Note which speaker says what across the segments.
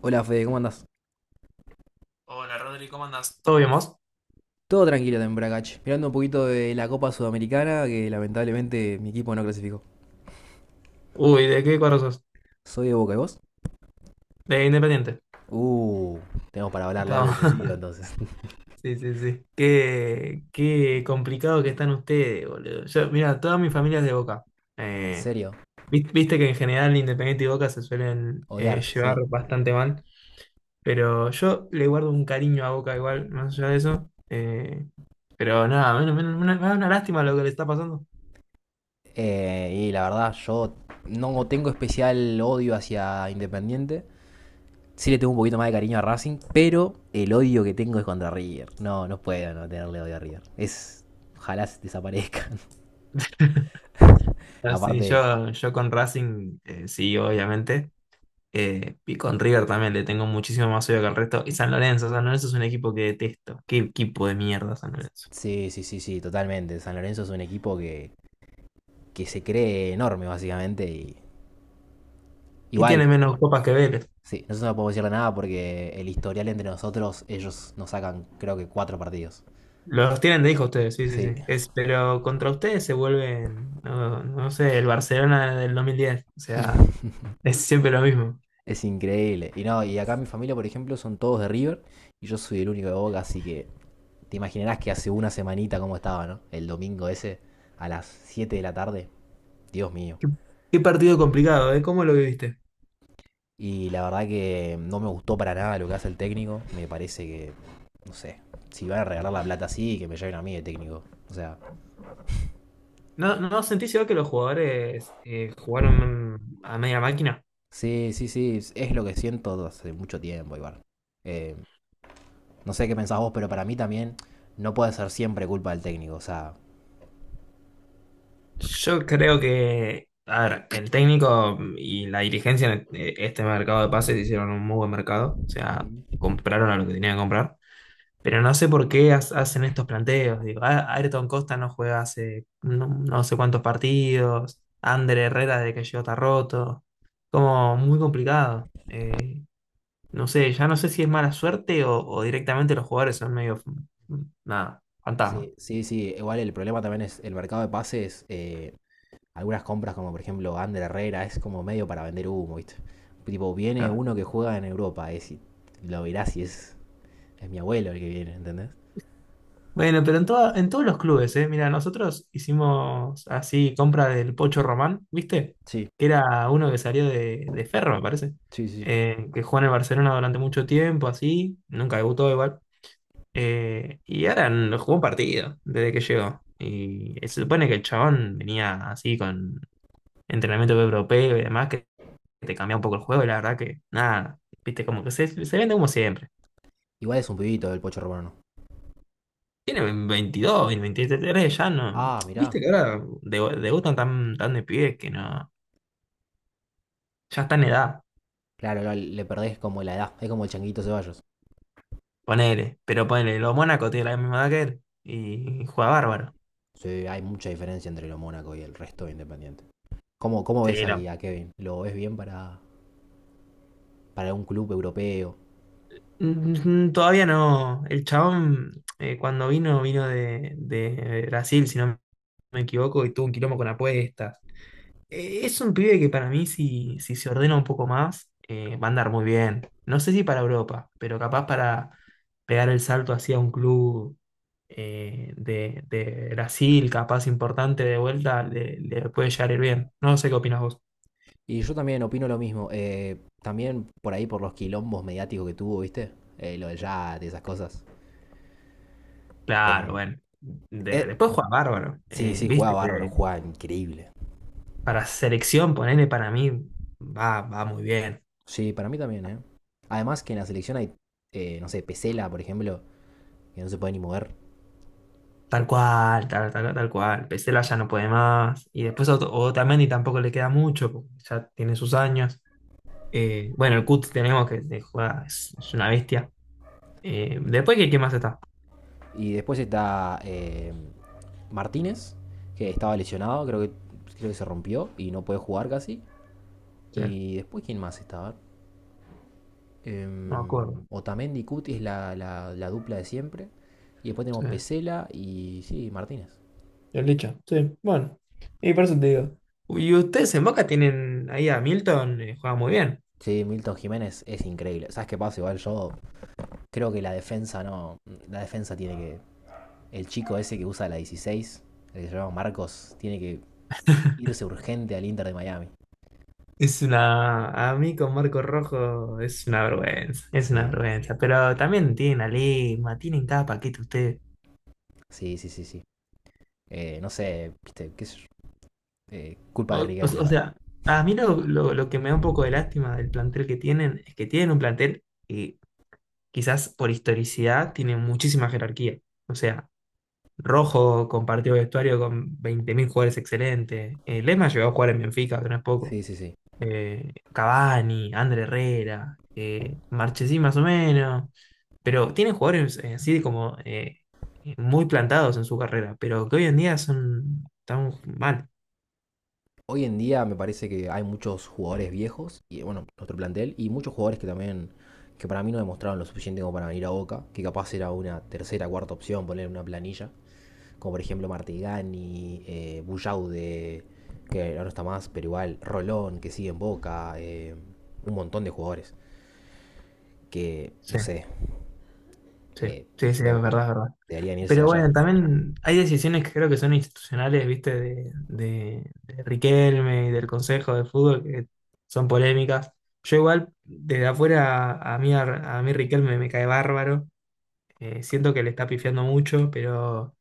Speaker 1: Hola Fede, ¿cómo andás?
Speaker 2: Hola Rodri, ¿cómo andás? ¿Todo bien vos?
Speaker 1: Todo tranquilo en Bragach, mirando un poquito de la Copa Sudamericana que lamentablemente mi equipo no clasificó.
Speaker 2: Uy, ¿de qué cuadro sos?
Speaker 1: ¿Soy de Boca y vos?
Speaker 2: De Independiente.
Speaker 1: Uh, tenemos para hablar largo y
Speaker 2: Estamos-
Speaker 1: tendido entonces.
Speaker 2: Sí, sí, sí. Qué complicado que están ustedes, boludo. Yo, mira, toda mi familia es de Boca.
Speaker 1: ¿En
Speaker 2: Eh,
Speaker 1: serio?
Speaker 2: Viste que en general Independiente y Boca se suelen
Speaker 1: Odiar, sí.
Speaker 2: llevar bastante mal. Pero yo le guardo un cariño a Boca igual, más allá de eso. Pero nada, me da una lástima lo que le está pasando.
Speaker 1: Y la verdad, yo no tengo especial odio hacia Independiente. Sí le tengo un poquito más de cariño a Racing, pero el odio que tengo es contra River. No, no puedo no tenerle odio a River. Es. Ojalá se desaparezcan.
Speaker 2: Así,
Speaker 1: Aparte,
Speaker 2: yo con Racing, sí, obviamente. Y con River también le tengo muchísimo más odio que el resto. Y San Lorenzo, San Lorenzo es un equipo que detesto. Qué equipo de mierda San Lorenzo.
Speaker 1: sí, sí, sí, sí, totalmente. San Lorenzo es un equipo que se cree enorme, básicamente. Y
Speaker 2: Y
Speaker 1: igual,
Speaker 2: tiene menos copas que Vélez.
Speaker 1: sí, nosotros no podemos decirle nada porque el historial entre nosotros, ellos nos sacan, creo que 4 partidos.
Speaker 2: Los tienen de hijo ustedes, sí, sí,
Speaker 1: Sí.
Speaker 2: sí. Es, pero contra ustedes se vuelven, no, no sé, el Barcelona del 2010. O sea, es siempre lo mismo.
Speaker 1: Es increíble. Y no, y acá mi familia, por ejemplo, son todos de River y yo soy el único de Boca, así que te imaginarás que hace una semanita cómo estaba, ¿no? El domingo ese, a las 7 de la tarde. Dios mío.
Speaker 2: Qué, qué partido complicado, ¿eh? ¿Cómo lo viviste?
Speaker 1: Y la verdad que no me gustó para nada lo que hace el técnico. Me parece que, no sé, si van a regalar la plata así, que me lleven a mí de técnico. O sea,
Speaker 2: ¿No, no sentís igual que los jugadores jugaron a media máquina?
Speaker 1: sí, sí, sí, es lo que siento hace mucho tiempo igual. Eh, no sé qué pensás vos, pero para mí también no puede ser siempre culpa del técnico. O sea,
Speaker 2: Yo creo que, a ver, el técnico y la dirigencia en este mercado de pases hicieron un muy buen mercado, o sea, compraron a lo que tenían que comprar, pero no sé por qué hacen estos planteos. Digo, "Ah, Ayrton Costa no juega hace no, no sé cuántos partidos, Ander Herrera desde que llegó está roto, como muy complicado. No sé, ya no sé si es mala suerte o directamente los jugadores son medio, nada, fantasma.
Speaker 1: sí, sí, sí, igual el problema también es el mercado de pases. Algunas compras como por ejemplo Ander Herrera es como medio para vender humo, ¿viste? Tipo, viene
Speaker 2: Claro.
Speaker 1: uno que juega en Europa, es, y lo verás y es mi abuelo el que viene, ¿entendés?
Speaker 2: Bueno, pero en todos los clubes, ¿eh? Mira, nosotros hicimos así compra del Pocho Román, ¿viste?
Speaker 1: Sí,
Speaker 2: Que era uno que salió de Ferro, me parece.
Speaker 1: sí, sí.
Speaker 2: Que jugó en el Barcelona durante mucho tiempo, así. Nunca debutó igual. Y ahora no jugó un partido desde que llegó. Y se supone que el chabón venía así con entrenamiento europeo y demás, que te cambia un poco el juego. Y la verdad que, nada, ¿viste? Como que se vende como siempre.
Speaker 1: Igual es un pibito el Pocho Romano.
Speaker 2: Tiene 22, 23, ya no.
Speaker 1: Ah, mirá.
Speaker 2: Viste que ahora debutan tan, tan de pibes que no. Ya está en edad,
Speaker 1: Claro, le perdés como la edad, es como el Changuito Ceballos.
Speaker 2: ponele. Pero ponele, los Mónaco tiene la misma edad que él y juega bárbaro.
Speaker 1: Sí, hay mucha diferencia entre lo Mónaco y el resto de Independiente. ¿Cómo ves
Speaker 2: Sí,
Speaker 1: ahí
Speaker 2: no.
Speaker 1: a Kevin? ¿Lo ves bien para un club europeo?
Speaker 2: Todavía no. El chabón, cuando vino, vino de Brasil, si no me equivoco, y tuvo un quilombo con apuestas. Es un pibe que para mí, si, si se ordena un poco más, va a andar muy bien. No sé si para Europa, pero capaz para pegar el salto hacia un club de Brasil, capaz importante de vuelta, le puede llegar a ir bien. No sé qué opinas vos.
Speaker 1: Y yo también opino lo mismo. También por ahí por los quilombos mediáticos que tuvo, ¿viste? Lo de Yat y esas cosas.
Speaker 2: Claro,
Speaker 1: Eh,
Speaker 2: bueno.
Speaker 1: eh,
Speaker 2: Después juega bárbaro.
Speaker 1: sí, sí, juega
Speaker 2: Viste
Speaker 1: bárbaro,
Speaker 2: que
Speaker 1: juega increíble.
Speaker 2: para selección, ponele para mí, va, va muy bien.
Speaker 1: Sí, para mí también, ¿eh? Además que en la selección hay, no sé, Pesela, por ejemplo, que no se puede ni mover.
Speaker 2: Tal cual, tal, tal, tal cual. Pesela ya no puede más. Y después Otamendi tampoco le queda mucho, porque ya tiene sus años. Bueno, el Cut tenemos que juega, es una bestia. Después, ¿qué más está?
Speaker 1: Y después está Martínez, que estaba lesionado, creo que se rompió y no puede jugar casi.
Speaker 2: Sí, no
Speaker 1: Y después, ¿quién más estaba?
Speaker 2: me
Speaker 1: Em,
Speaker 2: acuerdo.
Speaker 1: Otamendi y Cuti es la, la dupla de siempre. Y después tenemos
Speaker 2: Sí.
Speaker 1: Pesela y sí, Martínez.
Speaker 2: El dicho. Sí, bueno. Y por eso te digo. Y ustedes en Boca tienen ahí a Milton, juega muy bien.
Speaker 1: Sí, Milton Jiménez es increíble. ¿Sabes qué pasa? Igual yo creo que la defensa no. La defensa tiene que... el chico ese que usa la 16, el que se llama Marcos, tiene que irse urgente al Inter de Miami.
Speaker 2: Es una. A mí con Marco Rojo es una vergüenza, es una
Speaker 1: Sí,
Speaker 2: vergüenza. Pero también tienen a Lima, tienen cada paquete ustedes.
Speaker 1: sí, sí, sí, sí. No sé, viste, qué sé yo. Culpa
Speaker 2: O,
Speaker 1: de
Speaker 2: o-
Speaker 1: Riquelme,
Speaker 2: o
Speaker 1: igual.
Speaker 2: sea, a mí lo que me da un poco de lástima del plantel que tienen es que tienen un plantel que quizás por historicidad tiene muchísima jerarquía. O sea, Rojo compartió vestuario con 20.000 jugadores excelentes. Lema llegó a jugar en Benfica, que no es poco.
Speaker 1: Sí, sí, sí.
Speaker 2: Cavani, André Herrera, Marchesín más o menos. Pero tienen jugadores así como muy plantados en su carrera, pero que hoy en día son tan mal.
Speaker 1: Hoy en día me parece que hay muchos jugadores viejos, y bueno, nuestro plantel, y muchos jugadores que también, que para mí no demostraron lo suficiente como para venir a Boca, que capaz era una tercera, cuarta opción, poner una planilla, como por ejemplo Martigani, Bullaude, que ahora no está más, pero igual Rolón, que sigue en Boca, un montón de jugadores, que no
Speaker 2: Sí,
Speaker 1: sé,
Speaker 2: sí,
Speaker 1: eh,
Speaker 2: sí, sí, es
Speaker 1: creo que
Speaker 2: verdad, es verdad.
Speaker 1: deberían irse de
Speaker 2: Pero
Speaker 1: ayer.
Speaker 2: bueno, también hay decisiones que creo que son institucionales, viste, de Riquelme y del Consejo de Fútbol que son polémicas. Yo igual, desde afuera, a, mí Riquelme me cae bárbaro. Siento que le está pifiando mucho, pero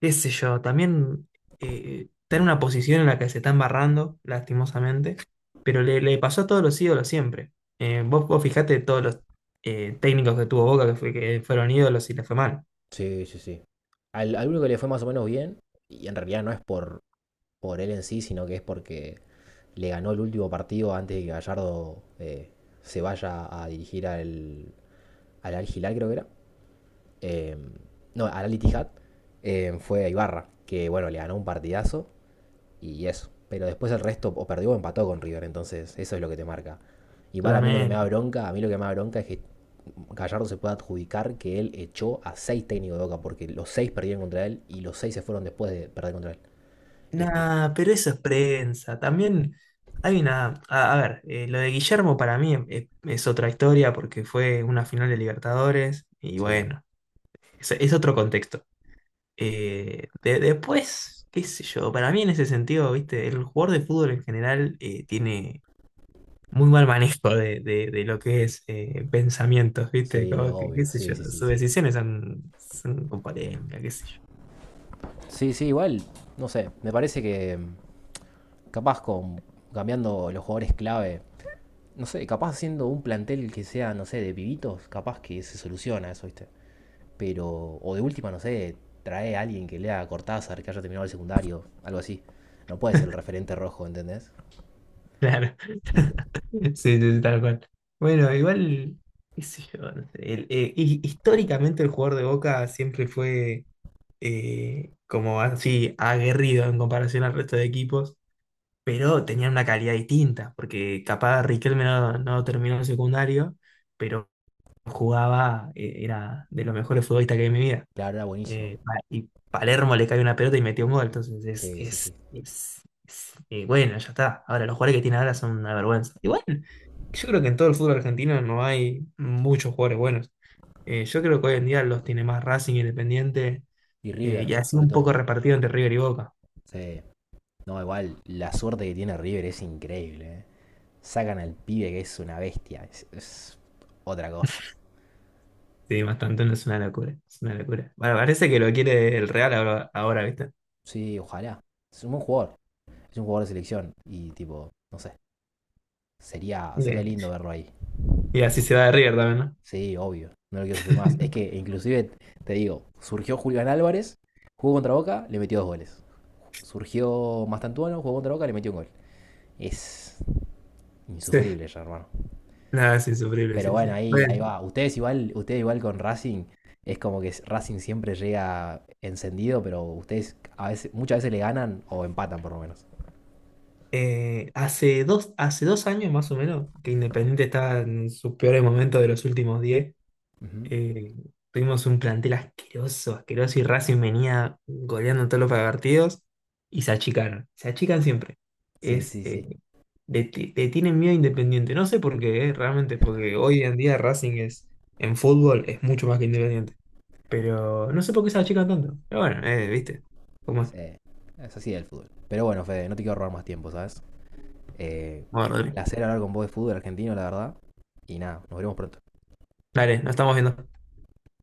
Speaker 2: qué sé yo, también está en una posición en la que se está embarrando, lastimosamente, pero le pasó a todos los ídolos siempre. Vos, vos fijate todos los técnicos que tuvo Boca que, que fueron ídolos y le fue mal.
Speaker 1: Sí, sí, sí. Al al único que le fue más o menos bien, y en realidad no es por él en sí, sino que es porque le ganó el último partido antes de que Gallardo se vaya a dirigir al, al Al Hilal, creo que era. Eh, no, al Al Ittihad, fue a Ibarra, que bueno, le ganó un partidazo y eso. Pero después el resto o perdió o empató con River, entonces eso es lo que te marca. Igual a mí lo que me da
Speaker 2: Totalmente.
Speaker 1: bronca, a mí lo que me da bronca es que Gallardo se puede adjudicar que él echó a 6 técnicos de Boca, porque los seis perdieron contra él y los seis se fueron después de perder contra él. Y es tipo,
Speaker 2: Nah, pero eso es prensa. También hay una. A ver, lo de Guillermo para mí es otra historia porque fue una final de Libertadores y
Speaker 1: sí,
Speaker 2: bueno, es otro contexto. Después, qué sé yo, para mí en ese sentido, viste, el jugador de fútbol en general tiene muy mal manejo de, de lo que es pensamientos, viste,
Speaker 1: sí,
Speaker 2: como que, qué
Speaker 1: obvio,
Speaker 2: sé
Speaker 1: sí,
Speaker 2: yo,
Speaker 1: sí, sí,
Speaker 2: sus
Speaker 1: sí.
Speaker 2: decisiones son, son con polémica, qué sé yo.
Speaker 1: Sí, sí, igual, no sé, me parece que mm, capaz con cambiando los jugadores clave, no sé, capaz haciendo un plantel que sea, no sé, de pibitos, capaz que se soluciona eso, ¿viste? Pero, o de última, no sé, trae a alguien que lea a Cortázar, que haya terminado el secundario, algo así. No puede ser el referente rojo, ¿entendés?
Speaker 2: Claro. Sí, sí, sí, tal cual. Bueno, igual, qué sé yo, no sé, históricamente el jugador de Boca siempre fue como así aguerrido en comparación al resto de equipos, pero tenían una calidad distinta, porque capaz Riquelme no, no terminó el secundario, pero jugaba, era de los mejores futbolistas que hay en mi vida.
Speaker 1: Claro, era buenísimo.
Speaker 2: Y Palermo le cae una pelota y metió un gol. Entonces
Speaker 1: Sí, sí, sí.
Speaker 2: bueno, ya está. Ahora, los jugadores que tiene ahora son una vergüenza. Igual, yo creo que en todo el fútbol argentino no hay muchos jugadores buenos. Yo creo que hoy en día los tiene más Racing Independiente
Speaker 1: Y
Speaker 2: y
Speaker 1: River,
Speaker 2: así
Speaker 1: sobre
Speaker 2: un
Speaker 1: todo.
Speaker 2: poco repartido entre River y Boca.
Speaker 1: Sí. No, igual, la suerte que tiene River es increíble, ¿eh? Sacan al pibe que es una bestia, es otra cosa.
Speaker 2: Sí, bastante, no es una locura. Es una locura. Bueno, parece que lo quiere el Real ahora, ahora, ¿viste?
Speaker 1: Sí, ojalá. Es un buen jugador. Es un jugador de selección. Y tipo, no sé. Sería
Speaker 2: Bien.
Speaker 1: lindo verlo ahí.
Speaker 2: Y así se va de River también, ¿no?
Speaker 1: Sí, obvio. No lo quiero sufrir más. Es que inclusive, te digo, surgió Julián Álvarez, jugó contra Boca, le metió 2 goles. Surgió Mastantuano, jugó contra Boca, le metió un gol. Es
Speaker 2: Sí.
Speaker 1: insufrible ya, hermano.
Speaker 2: Nada, es insufrible,
Speaker 1: Pero
Speaker 2: sí,
Speaker 1: bueno,
Speaker 2: sí.
Speaker 1: ahí,
Speaker 2: Bueno,
Speaker 1: ahí va. Ustedes igual con Racing, es como que Racing siempre llega encendido, pero ustedes a veces, muchas veces le ganan o empatan por lo menos.
Speaker 2: Hace dos años más o menos, que Independiente estaba en sus peores momentos de los últimos 10.
Speaker 1: Ujú.
Speaker 2: eh, Tuvimos un plantel asqueroso, asqueroso, y Racing venía goleando en todos los partidos y se achicaron. Se achican siempre.
Speaker 1: Sí,
Speaker 2: Es,
Speaker 1: sí, sí.
Speaker 2: le tienen miedo a Independiente. No sé por qué, realmente, porque hoy en día Racing es, en fútbol es mucho más que Independiente. Pero no sé por qué se achican tanto. Pero bueno, viste. ¿Cómo es?
Speaker 1: Sí, es así el fútbol. Pero bueno, Fede, no te quiero robar más tiempo, ¿sabes? Eh,
Speaker 2: Bueno,
Speaker 1: un
Speaker 2: Rodri.
Speaker 1: placer hablar con vos de fútbol argentino, la verdad. Y nada, nos veremos pronto.
Speaker 2: Dale, nos estamos viendo.